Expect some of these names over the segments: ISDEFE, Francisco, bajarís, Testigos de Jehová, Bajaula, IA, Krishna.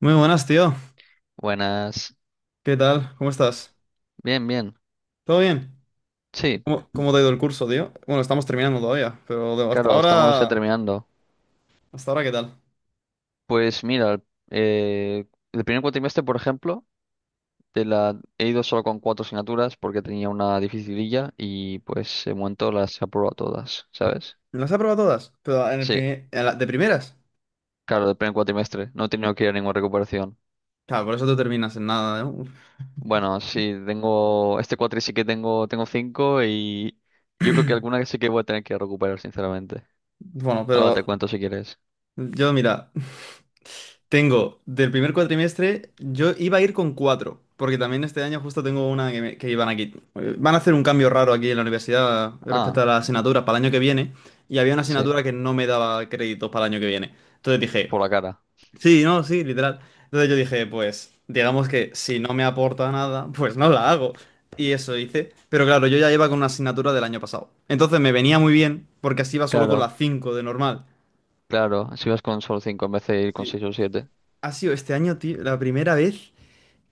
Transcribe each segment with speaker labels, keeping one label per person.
Speaker 1: Muy buenas, tío.
Speaker 2: Buenas.
Speaker 1: ¿Qué tal? ¿Cómo estás?
Speaker 2: Bien, bien.
Speaker 1: ¿Todo bien?
Speaker 2: Sí,
Speaker 1: ¿Cómo te ha ido el curso, tío? Bueno, estamos terminando todavía, pero hasta
Speaker 2: claro, estamos ya
Speaker 1: ahora,
Speaker 2: terminando.
Speaker 1: hasta ahora, ¿qué tal?
Speaker 2: Pues mira, eh, el primer cuatrimestre, por ejemplo, he ido solo con cuatro asignaturas porque tenía una dificililla y pues en momento las he aprobado todas, ¿sabes?
Speaker 1: ¿Las has aprobado todas? Pero en el
Speaker 2: Sí,
Speaker 1: primer- en la- de primeras.
Speaker 2: claro, del primer cuatrimestre. No he tenido que ir a ninguna recuperación.
Speaker 1: Claro, por eso tú terminas en nada, ¿no?
Speaker 2: Bueno, sí, tengo... Este cuatri sí que tengo cinco y yo creo que alguna sí que voy a tener que recuperar, sinceramente.
Speaker 1: Bueno,
Speaker 2: Ahora te
Speaker 1: pero
Speaker 2: cuento si quieres.
Speaker 1: yo, mira, tengo del primer cuatrimestre, yo iba a ir con cuatro, porque también este año justo tengo una que iban aquí. Van a hacer un cambio raro aquí en la universidad, respecto
Speaker 2: Ah,
Speaker 1: a las asignaturas para el año que viene, y había una
Speaker 2: sí,
Speaker 1: asignatura que no me daba créditos para el año que viene. Entonces dije,
Speaker 2: por la cara.
Speaker 1: sí, no, sí, literal. Entonces yo dije, pues, digamos que si no me aporta nada, pues no la hago. Y eso hice. Pero claro, yo ya iba con una asignatura del año pasado. Entonces me venía muy bien, porque así iba solo con
Speaker 2: Claro.
Speaker 1: las 5 de normal.
Speaker 2: Claro, si vas con solo 5, en vez de ir con
Speaker 1: Sí.
Speaker 2: seis o siete.
Speaker 1: Ha sido este año, tío, la primera vez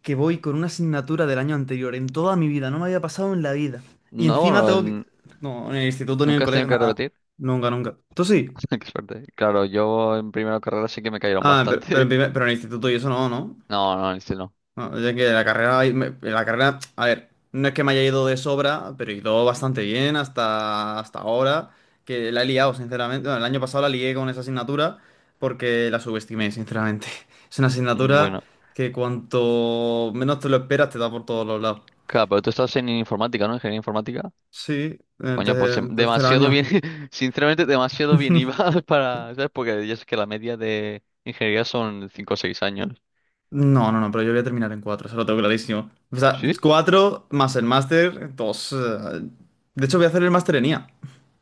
Speaker 1: que voy con una asignatura del año anterior. En toda mi vida, no me había pasado en la vida. Y
Speaker 2: No,
Speaker 1: encima
Speaker 2: bueno,
Speaker 1: tengo que... No, en el instituto ni en el
Speaker 2: nunca has tenido
Speaker 1: colegio,
Speaker 2: que
Speaker 1: nada.
Speaker 2: repetir.
Speaker 1: Nunca, nunca. ¿Tú sí?
Speaker 2: Qué suerte. Claro, yo en primera carrera sí que me cayeron
Speaker 1: Ah,
Speaker 2: bastante.
Speaker 1: pero en el instituto y eso no, ¿no?
Speaker 2: No, no, en este no.
Speaker 1: No, es que la carrera, a ver, no es que me haya ido de sobra, pero he ido bastante bien hasta ahora, que la he liado, sinceramente. Bueno, el año pasado la lié con esa asignatura porque la subestimé, sinceramente. Es una
Speaker 2: Mm.
Speaker 1: asignatura
Speaker 2: Bueno,
Speaker 1: que cuanto menos te lo esperas te da por todos los lados.
Speaker 2: claro, pero tú estás en informática, ¿no? Ingeniería informática.
Speaker 1: Sí, en
Speaker 2: Coño, pues
Speaker 1: tercer
Speaker 2: demasiado bien,
Speaker 1: año.
Speaker 2: sinceramente, demasiado bien ibas para, ¿sabes? Porque ya sé que la media de ingeniería son 5 o 6 años.
Speaker 1: No, no, no, pero yo voy a terminar en cuatro, eso lo tengo clarísimo. O sea,
Speaker 2: ¿Sí?
Speaker 1: cuatro más el máster, dos. De hecho, voy a hacer el máster en IA,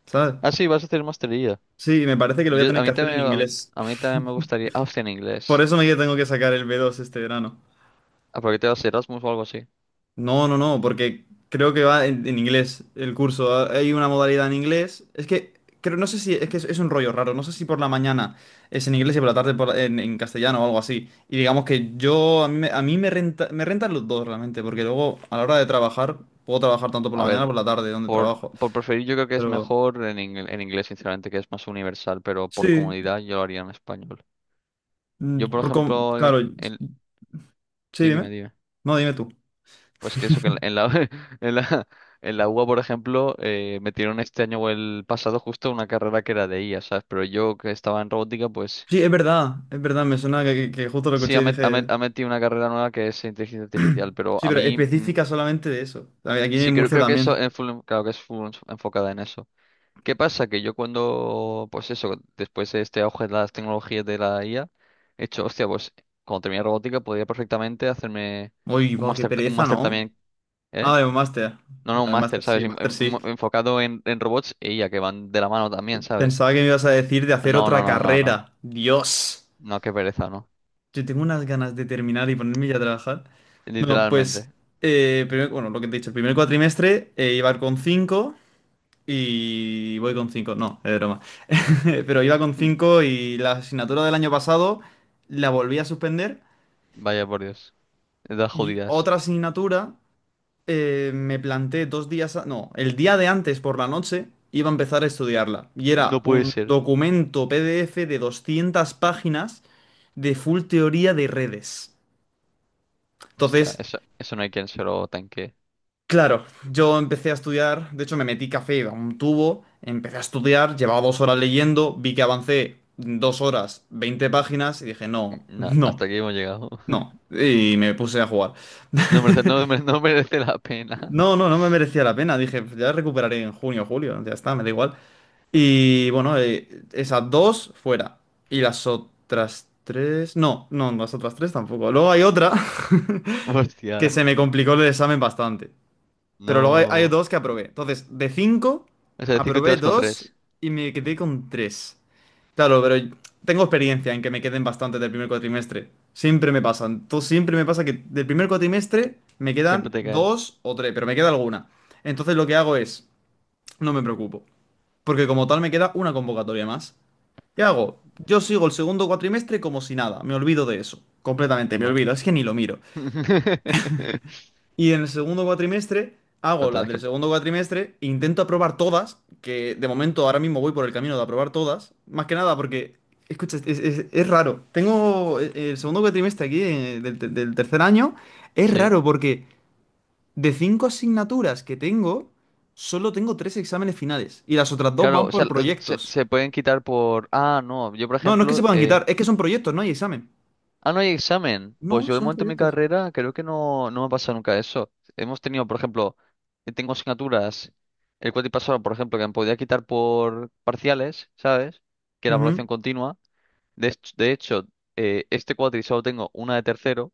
Speaker 1: ¿sabes?
Speaker 2: Ah, sí, vas a hacer maestría.
Speaker 1: Sí, me parece que lo voy a
Speaker 2: Yo, a
Speaker 1: tener que
Speaker 2: mí
Speaker 1: hacer
Speaker 2: también,
Speaker 1: en inglés.
Speaker 2: a mí también me gustaría. Ah, hostia, en
Speaker 1: Por
Speaker 2: inglés.
Speaker 1: eso me que tengo que sacar el B2 este verano.
Speaker 2: ¿A por qué te vas a Erasmus o algo así?
Speaker 1: No, no, no, porque creo que va en inglés el curso. Ah, hay una modalidad en inglés. Es que creo, no sé si es un rollo raro. No sé si por la mañana es en inglés y por la tarde en castellano o algo así. Y digamos que yo a mí me renta, me rentan los dos realmente, porque luego a la hora de trabajar puedo trabajar tanto por la
Speaker 2: A
Speaker 1: mañana
Speaker 2: ver.
Speaker 1: como por la tarde donde
Speaker 2: Por,
Speaker 1: trabajo.
Speaker 2: por preferir, yo creo que es
Speaker 1: Pero
Speaker 2: mejor en inglés, sinceramente, que es más universal, pero por
Speaker 1: sí,
Speaker 2: comodidad yo lo haría en español. Yo, por ejemplo,
Speaker 1: claro, sí,
Speaker 2: Sí, dime,
Speaker 1: dime.
Speaker 2: dime.
Speaker 1: No, dime tú.
Speaker 2: Pues que eso, que en la, en la, en la UA, por ejemplo, metieron este año o el pasado justo una carrera que era de IA, ¿sabes? Pero yo que estaba en robótica, pues
Speaker 1: Sí, es verdad, me suena que justo lo
Speaker 2: sí,
Speaker 1: escuché
Speaker 2: ha,
Speaker 1: y
Speaker 2: met- ha met-
Speaker 1: dije,
Speaker 2: ha metido una carrera nueva que es inteligencia artificial, pero
Speaker 1: sí,
Speaker 2: a
Speaker 1: pero
Speaker 2: mí
Speaker 1: específica solamente de eso. A ver, aquí
Speaker 2: sí
Speaker 1: en
Speaker 2: creo,
Speaker 1: Murcia
Speaker 2: creo que eso
Speaker 1: también.
Speaker 2: es claro que es full enfocada en eso. ¿Qué pasa? Que yo cuando, pues eso, después de este auge de las tecnologías de la IA, he hecho, hostia, pues cuando terminé robótica podría perfectamente hacerme
Speaker 1: Uy, va, qué
Speaker 2: un
Speaker 1: pereza,
Speaker 2: máster
Speaker 1: ¿no?
Speaker 2: también, ¿eh?
Speaker 1: Ah, de un máster.
Speaker 2: No, no, un
Speaker 1: Vale, máster
Speaker 2: máster, ¿sabes?
Speaker 1: sí, máster sí.
Speaker 2: Enfocado en robots e IA, que van de la mano también, ¿sabes?
Speaker 1: Pensaba que me ibas a decir de hacer
Speaker 2: No, no,
Speaker 1: otra
Speaker 2: no, no, no.
Speaker 1: carrera. Dios.
Speaker 2: No, qué pereza, no.
Speaker 1: Yo tengo unas ganas de terminar y ponerme ya a trabajar. No, pues,
Speaker 2: Literalmente.
Speaker 1: bueno, lo que te he dicho, el primer cuatrimestre, iba con 5 y voy con 5. No, es broma. Pero iba con
Speaker 2: Hmm.
Speaker 1: cinco y la asignatura del año pasado la volví a suspender.
Speaker 2: Vaya por Dios. Edad
Speaker 1: Y
Speaker 2: jodidas.
Speaker 1: otra asignatura, me planté dos días, no, el día de antes por la noche iba a empezar a estudiarla. Y
Speaker 2: No
Speaker 1: era
Speaker 2: puede
Speaker 1: un
Speaker 2: ser.
Speaker 1: documento PDF de 200 páginas de full teoría de redes.
Speaker 2: Hostia,
Speaker 1: Entonces,
Speaker 2: eso no hay quien se lo tanque.
Speaker 1: claro, yo empecé a estudiar, de hecho me metí café a un tubo, empecé a estudiar, llevaba 2 horas leyendo, vi que avancé 2 horas, 20 páginas y dije, no,
Speaker 2: No,
Speaker 1: no,
Speaker 2: hasta aquí hemos llegado.
Speaker 1: no. Y me puse a jugar.
Speaker 2: No merece la pena.
Speaker 1: No, no, no me merecía la pena. Dije, ya recuperaré en junio o julio, ya está, me da igual. Y bueno, esas dos fuera. Y las otras tres. No, no, las otras tres tampoco. Luego hay otra que
Speaker 2: Hostia,
Speaker 1: se me complicó el examen bastante. Pero luego hay
Speaker 2: no.
Speaker 1: dos que aprobé. Entonces, de cinco,
Speaker 2: O sea, decir que te
Speaker 1: aprobé
Speaker 2: vas con
Speaker 1: dos
Speaker 2: tres.
Speaker 1: y me quedé con tres. Claro, pero tengo experiencia en que me queden bastantes del primer cuatrimestre. Siempre me pasan. Siempre me pasa que del primer cuatrimestre me
Speaker 2: Siempre
Speaker 1: quedan
Speaker 2: te caen.
Speaker 1: dos o tres, pero me queda alguna. Entonces lo que hago es, no me preocupo, porque como tal me queda una convocatoria más. ¿Qué hago? Yo sigo el segundo cuatrimestre como si nada, me olvido de eso, completamente, me
Speaker 2: Vale.
Speaker 1: olvido, es que ni lo miro.
Speaker 2: Pero
Speaker 1: Y en el segundo cuatrimestre hago las
Speaker 2: tendrás que.
Speaker 1: del segundo cuatrimestre, e intento aprobar todas, que de momento ahora mismo voy por el camino de aprobar todas, más que nada porque, escucha, es raro. Tengo el segundo cuatrimestre aquí, del tercer año, es
Speaker 2: Sí.
Speaker 1: raro porque de cinco asignaturas que tengo, solo tengo tres exámenes finales y las otras dos
Speaker 2: Claro,
Speaker 1: van
Speaker 2: o sea,
Speaker 1: por
Speaker 2: se,
Speaker 1: proyectos.
Speaker 2: se pueden quitar por. Ah, no. Yo, por
Speaker 1: No, no es que se
Speaker 2: ejemplo.
Speaker 1: puedan quitar, es que son proyectos, no hay examen.
Speaker 2: Ah, no hay examen. Pues
Speaker 1: No,
Speaker 2: yo, de
Speaker 1: son
Speaker 2: momento, en mi
Speaker 1: proyectos.
Speaker 2: carrera, creo que no, no me ha pasado nunca eso. Hemos tenido, por ejemplo, tengo asignaturas. El cuatrimestre pasado, por ejemplo, que me podía quitar por parciales, ¿sabes? Que era evaluación
Speaker 1: Ujú.
Speaker 2: continua. De hecho, este cuatri solo tengo una de tercero,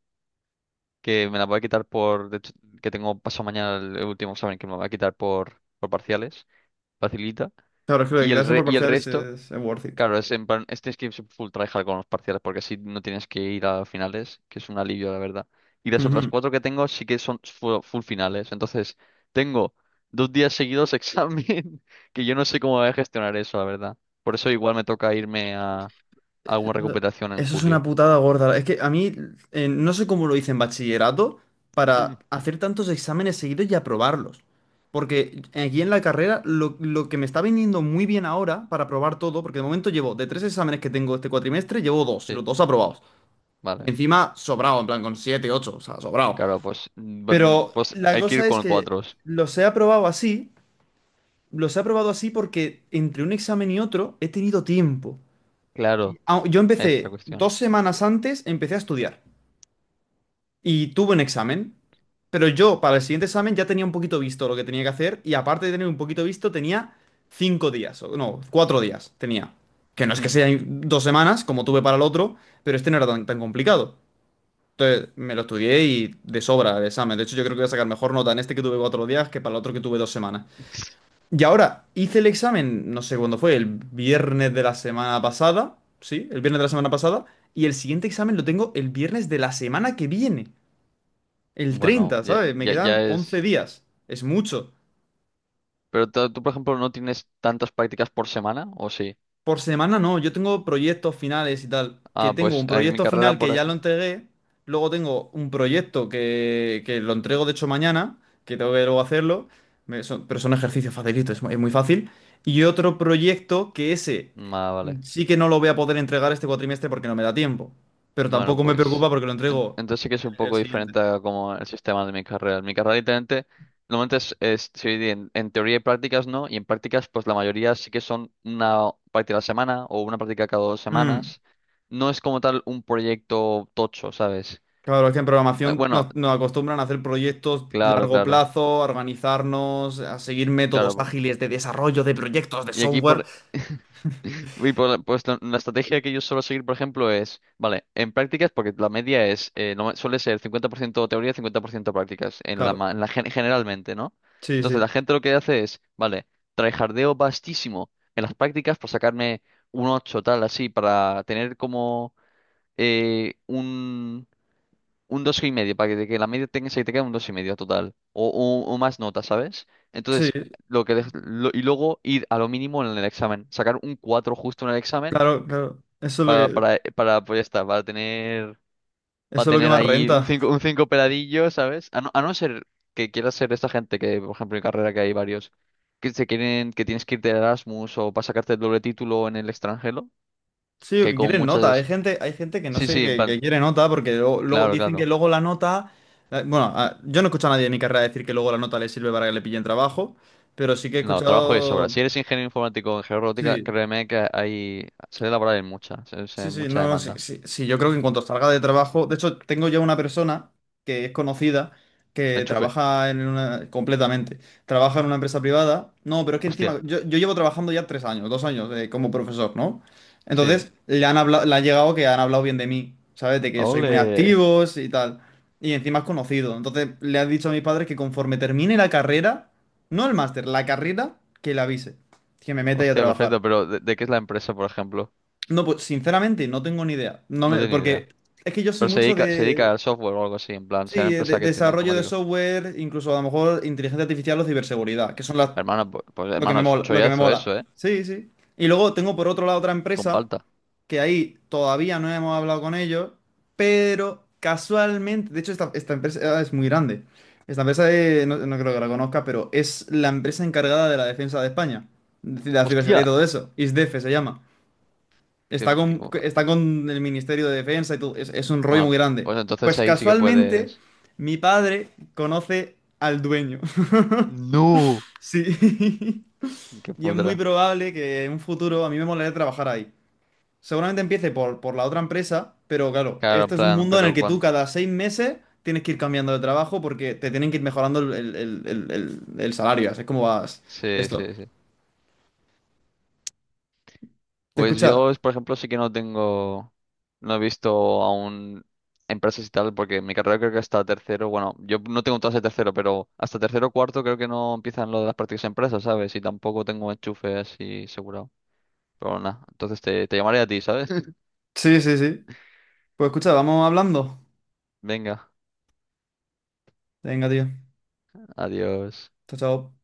Speaker 2: que me la voy a quitar por, de hecho, que tengo paso mañana el último examen que me lo voy a quitar por parciales, facilita.
Speaker 1: Claro, es que lo de
Speaker 2: Y el,
Speaker 1: quitarse
Speaker 2: re-
Speaker 1: por
Speaker 2: y el
Speaker 1: parciales
Speaker 2: resto,
Speaker 1: es worth it.
Speaker 2: claro, es en plan, es tienes que ir full tryhard con los parciales, porque así no tienes que ir a finales, que es un alivio, la verdad. Y las otras
Speaker 1: Ujú.
Speaker 2: cuatro que tengo sí que son full, finales. Entonces, tengo 2 días seguidos examen, que yo no sé cómo voy a gestionar eso, la verdad. Por eso igual me toca irme a una
Speaker 1: Eso
Speaker 2: recuperación en
Speaker 1: Eso es una
Speaker 2: julio.
Speaker 1: putada gorda. Es que a mí, no sé cómo lo hice en bachillerato para hacer tantos exámenes seguidos y aprobarlos. Porque aquí en la carrera lo que me está viniendo muy bien ahora para aprobar todo, porque de momento llevo de tres exámenes que tengo este cuatrimestre, llevo dos y los
Speaker 2: Sí,
Speaker 1: dos aprobados.
Speaker 2: vale.
Speaker 1: Y encima sobrado, en plan con siete, ocho, o sea, sobrado.
Speaker 2: Claro, pues, bu-
Speaker 1: Pero
Speaker 2: pues
Speaker 1: la
Speaker 2: hay que ir
Speaker 1: cosa es
Speaker 2: con
Speaker 1: que
Speaker 2: cuatros.
Speaker 1: los he aprobado así, los he aprobado así porque entre un examen y otro he tenido tiempo.
Speaker 2: Claro,
Speaker 1: Y, yo
Speaker 2: esta
Speaker 1: empecé
Speaker 2: cuestión.
Speaker 1: dos semanas antes, empecé a estudiar y tuve un examen, pero yo para el siguiente examen ya tenía un poquito visto lo que tenía que hacer y aparte de tener un poquito visto tenía 5 días, o no, 4 días tenía. Que no es que
Speaker 2: Mm.
Speaker 1: sean 2 semanas como tuve para el otro, pero este no era tan, tan complicado. Entonces me lo estudié y de sobra el examen. De hecho yo creo que voy a sacar mejor nota en este que tuve 4 días que para el otro que tuve 2 semanas. Y ahora, hice el examen, no sé cuándo fue, el viernes de la semana pasada, sí, el viernes de la semana pasada, y el siguiente examen lo tengo el viernes de la semana que viene, el
Speaker 2: Bueno,
Speaker 1: 30,
Speaker 2: ya,
Speaker 1: ¿sabes? Me
Speaker 2: ya,
Speaker 1: quedan
Speaker 2: ya
Speaker 1: 11
Speaker 2: es.
Speaker 1: días, es mucho.
Speaker 2: Pero tú, por ejemplo, no tienes tantas prácticas por semana, ¿o sí?
Speaker 1: Por semana no, yo tengo proyectos finales y tal. Que
Speaker 2: Ah,
Speaker 1: tengo
Speaker 2: pues
Speaker 1: un
Speaker 2: en mi
Speaker 1: proyecto
Speaker 2: carrera,
Speaker 1: final que
Speaker 2: por
Speaker 1: ya lo
Speaker 2: ejemplo.
Speaker 1: entregué. Luego tengo un proyecto que lo entrego, de hecho, mañana, que tengo que luego hacerlo. Pero son ejercicios facilitos, es muy fácil. Y otro proyecto que ese
Speaker 2: Ah, vale.
Speaker 1: sí que no lo voy a poder entregar este cuatrimestre porque no me da tiempo. Pero
Speaker 2: Bueno,
Speaker 1: tampoco me
Speaker 2: pues,
Speaker 1: preocupa porque lo
Speaker 2: en-
Speaker 1: entrego
Speaker 2: entonces sí que es un
Speaker 1: el
Speaker 2: poco
Speaker 1: siguiente.
Speaker 2: diferente a como el sistema de mi carrera. En mi carrera, literalmente, normalmente se divide en teoría y prácticas, ¿no? Y en prácticas, pues la mayoría sí que son una práctica a la semana o una práctica cada dos
Speaker 1: Mm.
Speaker 2: semanas. No es como tal un proyecto tocho, ¿sabes?
Speaker 1: Claro, es que en programación
Speaker 2: Bueno,
Speaker 1: nos acostumbran a hacer proyectos
Speaker 2: claro,
Speaker 1: largo
Speaker 2: claro,
Speaker 1: plazo, a organizarnos, a seguir métodos
Speaker 2: claro.
Speaker 1: ágiles de desarrollo de proyectos de
Speaker 2: Y aquí
Speaker 1: software.
Speaker 2: pues la estrategia que yo suelo seguir, por ejemplo, es, vale, en prácticas, porque la media es, suele ser 50% teoría, 50% prácticas, en la,
Speaker 1: Claro,
Speaker 2: ma- en la gen- generalmente, ¿no?
Speaker 1: sí,
Speaker 2: Entonces la
Speaker 1: sí,
Speaker 2: gente lo que hace es, vale, tryhardeo vastísimo en las prácticas por sacarme un 8 tal, así, para tener como eh, un dos y medio, para que la media tenga, se te quede un dos y medio total, o más notas, ¿sabes?
Speaker 1: sí,
Speaker 2: Entonces, lo que dej- lo- y luego ir a lo mínimo en el examen, sacar un 4 justo en el examen
Speaker 1: claro, claro. Eso es
Speaker 2: para,
Speaker 1: lo que,
Speaker 2: para, para pues ya está, para tener, para
Speaker 1: eso es lo que
Speaker 2: tener
Speaker 1: más
Speaker 2: ahí un
Speaker 1: renta.
Speaker 2: cinco un cinco peladillo, ¿sabes? A no ser que quieras ser esta gente que, por ejemplo, en carrera que hay varios que se quieren, que tienes que ir de Erasmus o para sacarte el doble título en el extranjero,
Speaker 1: Sí, o
Speaker 2: que
Speaker 1: que
Speaker 2: con
Speaker 1: quieren nota. Hay
Speaker 2: muchas...
Speaker 1: gente, hay gente que no
Speaker 2: Sí,
Speaker 1: sé
Speaker 2: sí, en plan,
Speaker 1: que quiere nota porque luego
Speaker 2: claro,
Speaker 1: dicen que
Speaker 2: claro.
Speaker 1: luego la nota. Bueno, yo no he escuchado a nadie de mi carrera decir que luego la nota le sirve para que le pillen trabajo, pero sí que he
Speaker 2: No, trabajo de sobra.
Speaker 1: escuchado.
Speaker 2: Si eres ingeniero informático en georótica,
Speaker 1: Sí.
Speaker 2: créeme que hay... Se ve laboral en mucha,
Speaker 1: Sí, sí,
Speaker 2: mucha
Speaker 1: no, no, sí,
Speaker 2: demanda.
Speaker 1: sí, sí, yo creo que en cuanto salga de trabajo, de hecho, tengo ya una persona que es conocida que
Speaker 2: Enchufe,
Speaker 1: trabaja en una, completamente, trabaja en una empresa privada, no, pero es que
Speaker 2: hostia,
Speaker 1: encima, yo llevo trabajando ya 3 años, dos años, como profesor, ¿no?
Speaker 2: sí.
Speaker 1: Entonces, le han hablado, le ha llegado que han hablado bien de mí, ¿sabes? De que soy muy
Speaker 2: Ole.
Speaker 1: activo sí, y tal, y encima es conocido, entonces le ha dicho a mis padres que conforme termine la carrera, no el máster, la carrera, que le avise, que me meta ahí a
Speaker 2: Hostia,
Speaker 1: trabajar.
Speaker 2: perfecto, pero ¿de qué es la empresa, por ejemplo?
Speaker 1: No, pues sinceramente no tengo ni idea. No
Speaker 2: No
Speaker 1: me,
Speaker 2: tengo ni idea.
Speaker 1: porque es que yo soy
Speaker 2: Pero se
Speaker 1: mucho
Speaker 2: dedica, se dedica
Speaker 1: de,
Speaker 2: al software o algo así, en plan, sea
Speaker 1: sí,
Speaker 2: una
Speaker 1: de
Speaker 2: empresa que tiene
Speaker 1: desarrollo de
Speaker 2: informáticos.
Speaker 1: software, incluso a lo mejor inteligencia artificial o ciberseguridad, que son las,
Speaker 2: Hermano, pues,
Speaker 1: lo que
Speaker 2: hermano,
Speaker 1: me
Speaker 2: es
Speaker 1: mola, lo que me
Speaker 2: chollazo
Speaker 1: mola.
Speaker 2: eso, ¿eh?
Speaker 1: Sí, sí. Y luego tengo por otro lado otra
Speaker 2: Con
Speaker 1: empresa
Speaker 2: palta.
Speaker 1: que ahí todavía no hemos hablado con ellos, pero casualmente, de hecho esta empresa, es muy grande. Esta empresa, no, no creo que la conozca, pero es la empresa encargada de la defensa de España, de la
Speaker 2: ¡Hostia!
Speaker 1: ciberseguridad y todo eso. ISDEFE se llama.
Speaker 2: Que-
Speaker 1: Está
Speaker 2: que-
Speaker 1: con, está con el Ministerio de Defensa y todo. Es un rollo
Speaker 2: bueno,
Speaker 1: muy grande.
Speaker 2: pues entonces
Speaker 1: Pues
Speaker 2: ahí sí que
Speaker 1: casualmente,
Speaker 2: puedes...
Speaker 1: mi padre conoce al dueño.
Speaker 2: ¡No!
Speaker 1: Sí.
Speaker 2: ¡Qué
Speaker 1: Y es muy
Speaker 2: pudra!
Speaker 1: probable que en un futuro a mí me molaría trabajar ahí. Seguramente empiece por la otra empresa, pero claro,
Speaker 2: Claro, en
Speaker 1: esto es un
Speaker 2: plan,
Speaker 1: mundo en el
Speaker 2: pero
Speaker 1: que tú
Speaker 2: cuando...
Speaker 1: cada 6 meses tienes que ir cambiando de trabajo porque te tienen que ir mejorando el salario. Así es como vas
Speaker 2: Sí,
Speaker 1: esto.
Speaker 2: sí, sí.
Speaker 1: ¿Te
Speaker 2: Pues
Speaker 1: escucha?
Speaker 2: yo, por ejemplo, sí que no tengo, no he visto aún empresas y tal, porque mi carrera creo que hasta tercero, bueno, yo no tengo todas de tercero, pero hasta tercero o cuarto creo que no empiezan lo de las prácticas de empresas, ¿sabes? Y tampoco tengo enchufe así asegurado. Pero nada, entonces te llamaré a ti, ¿sabes?
Speaker 1: Sí, sí, sí. Pues escucha, vamos hablando.
Speaker 2: Venga,
Speaker 1: Venga, tío.
Speaker 2: adiós.
Speaker 1: Chao, chao.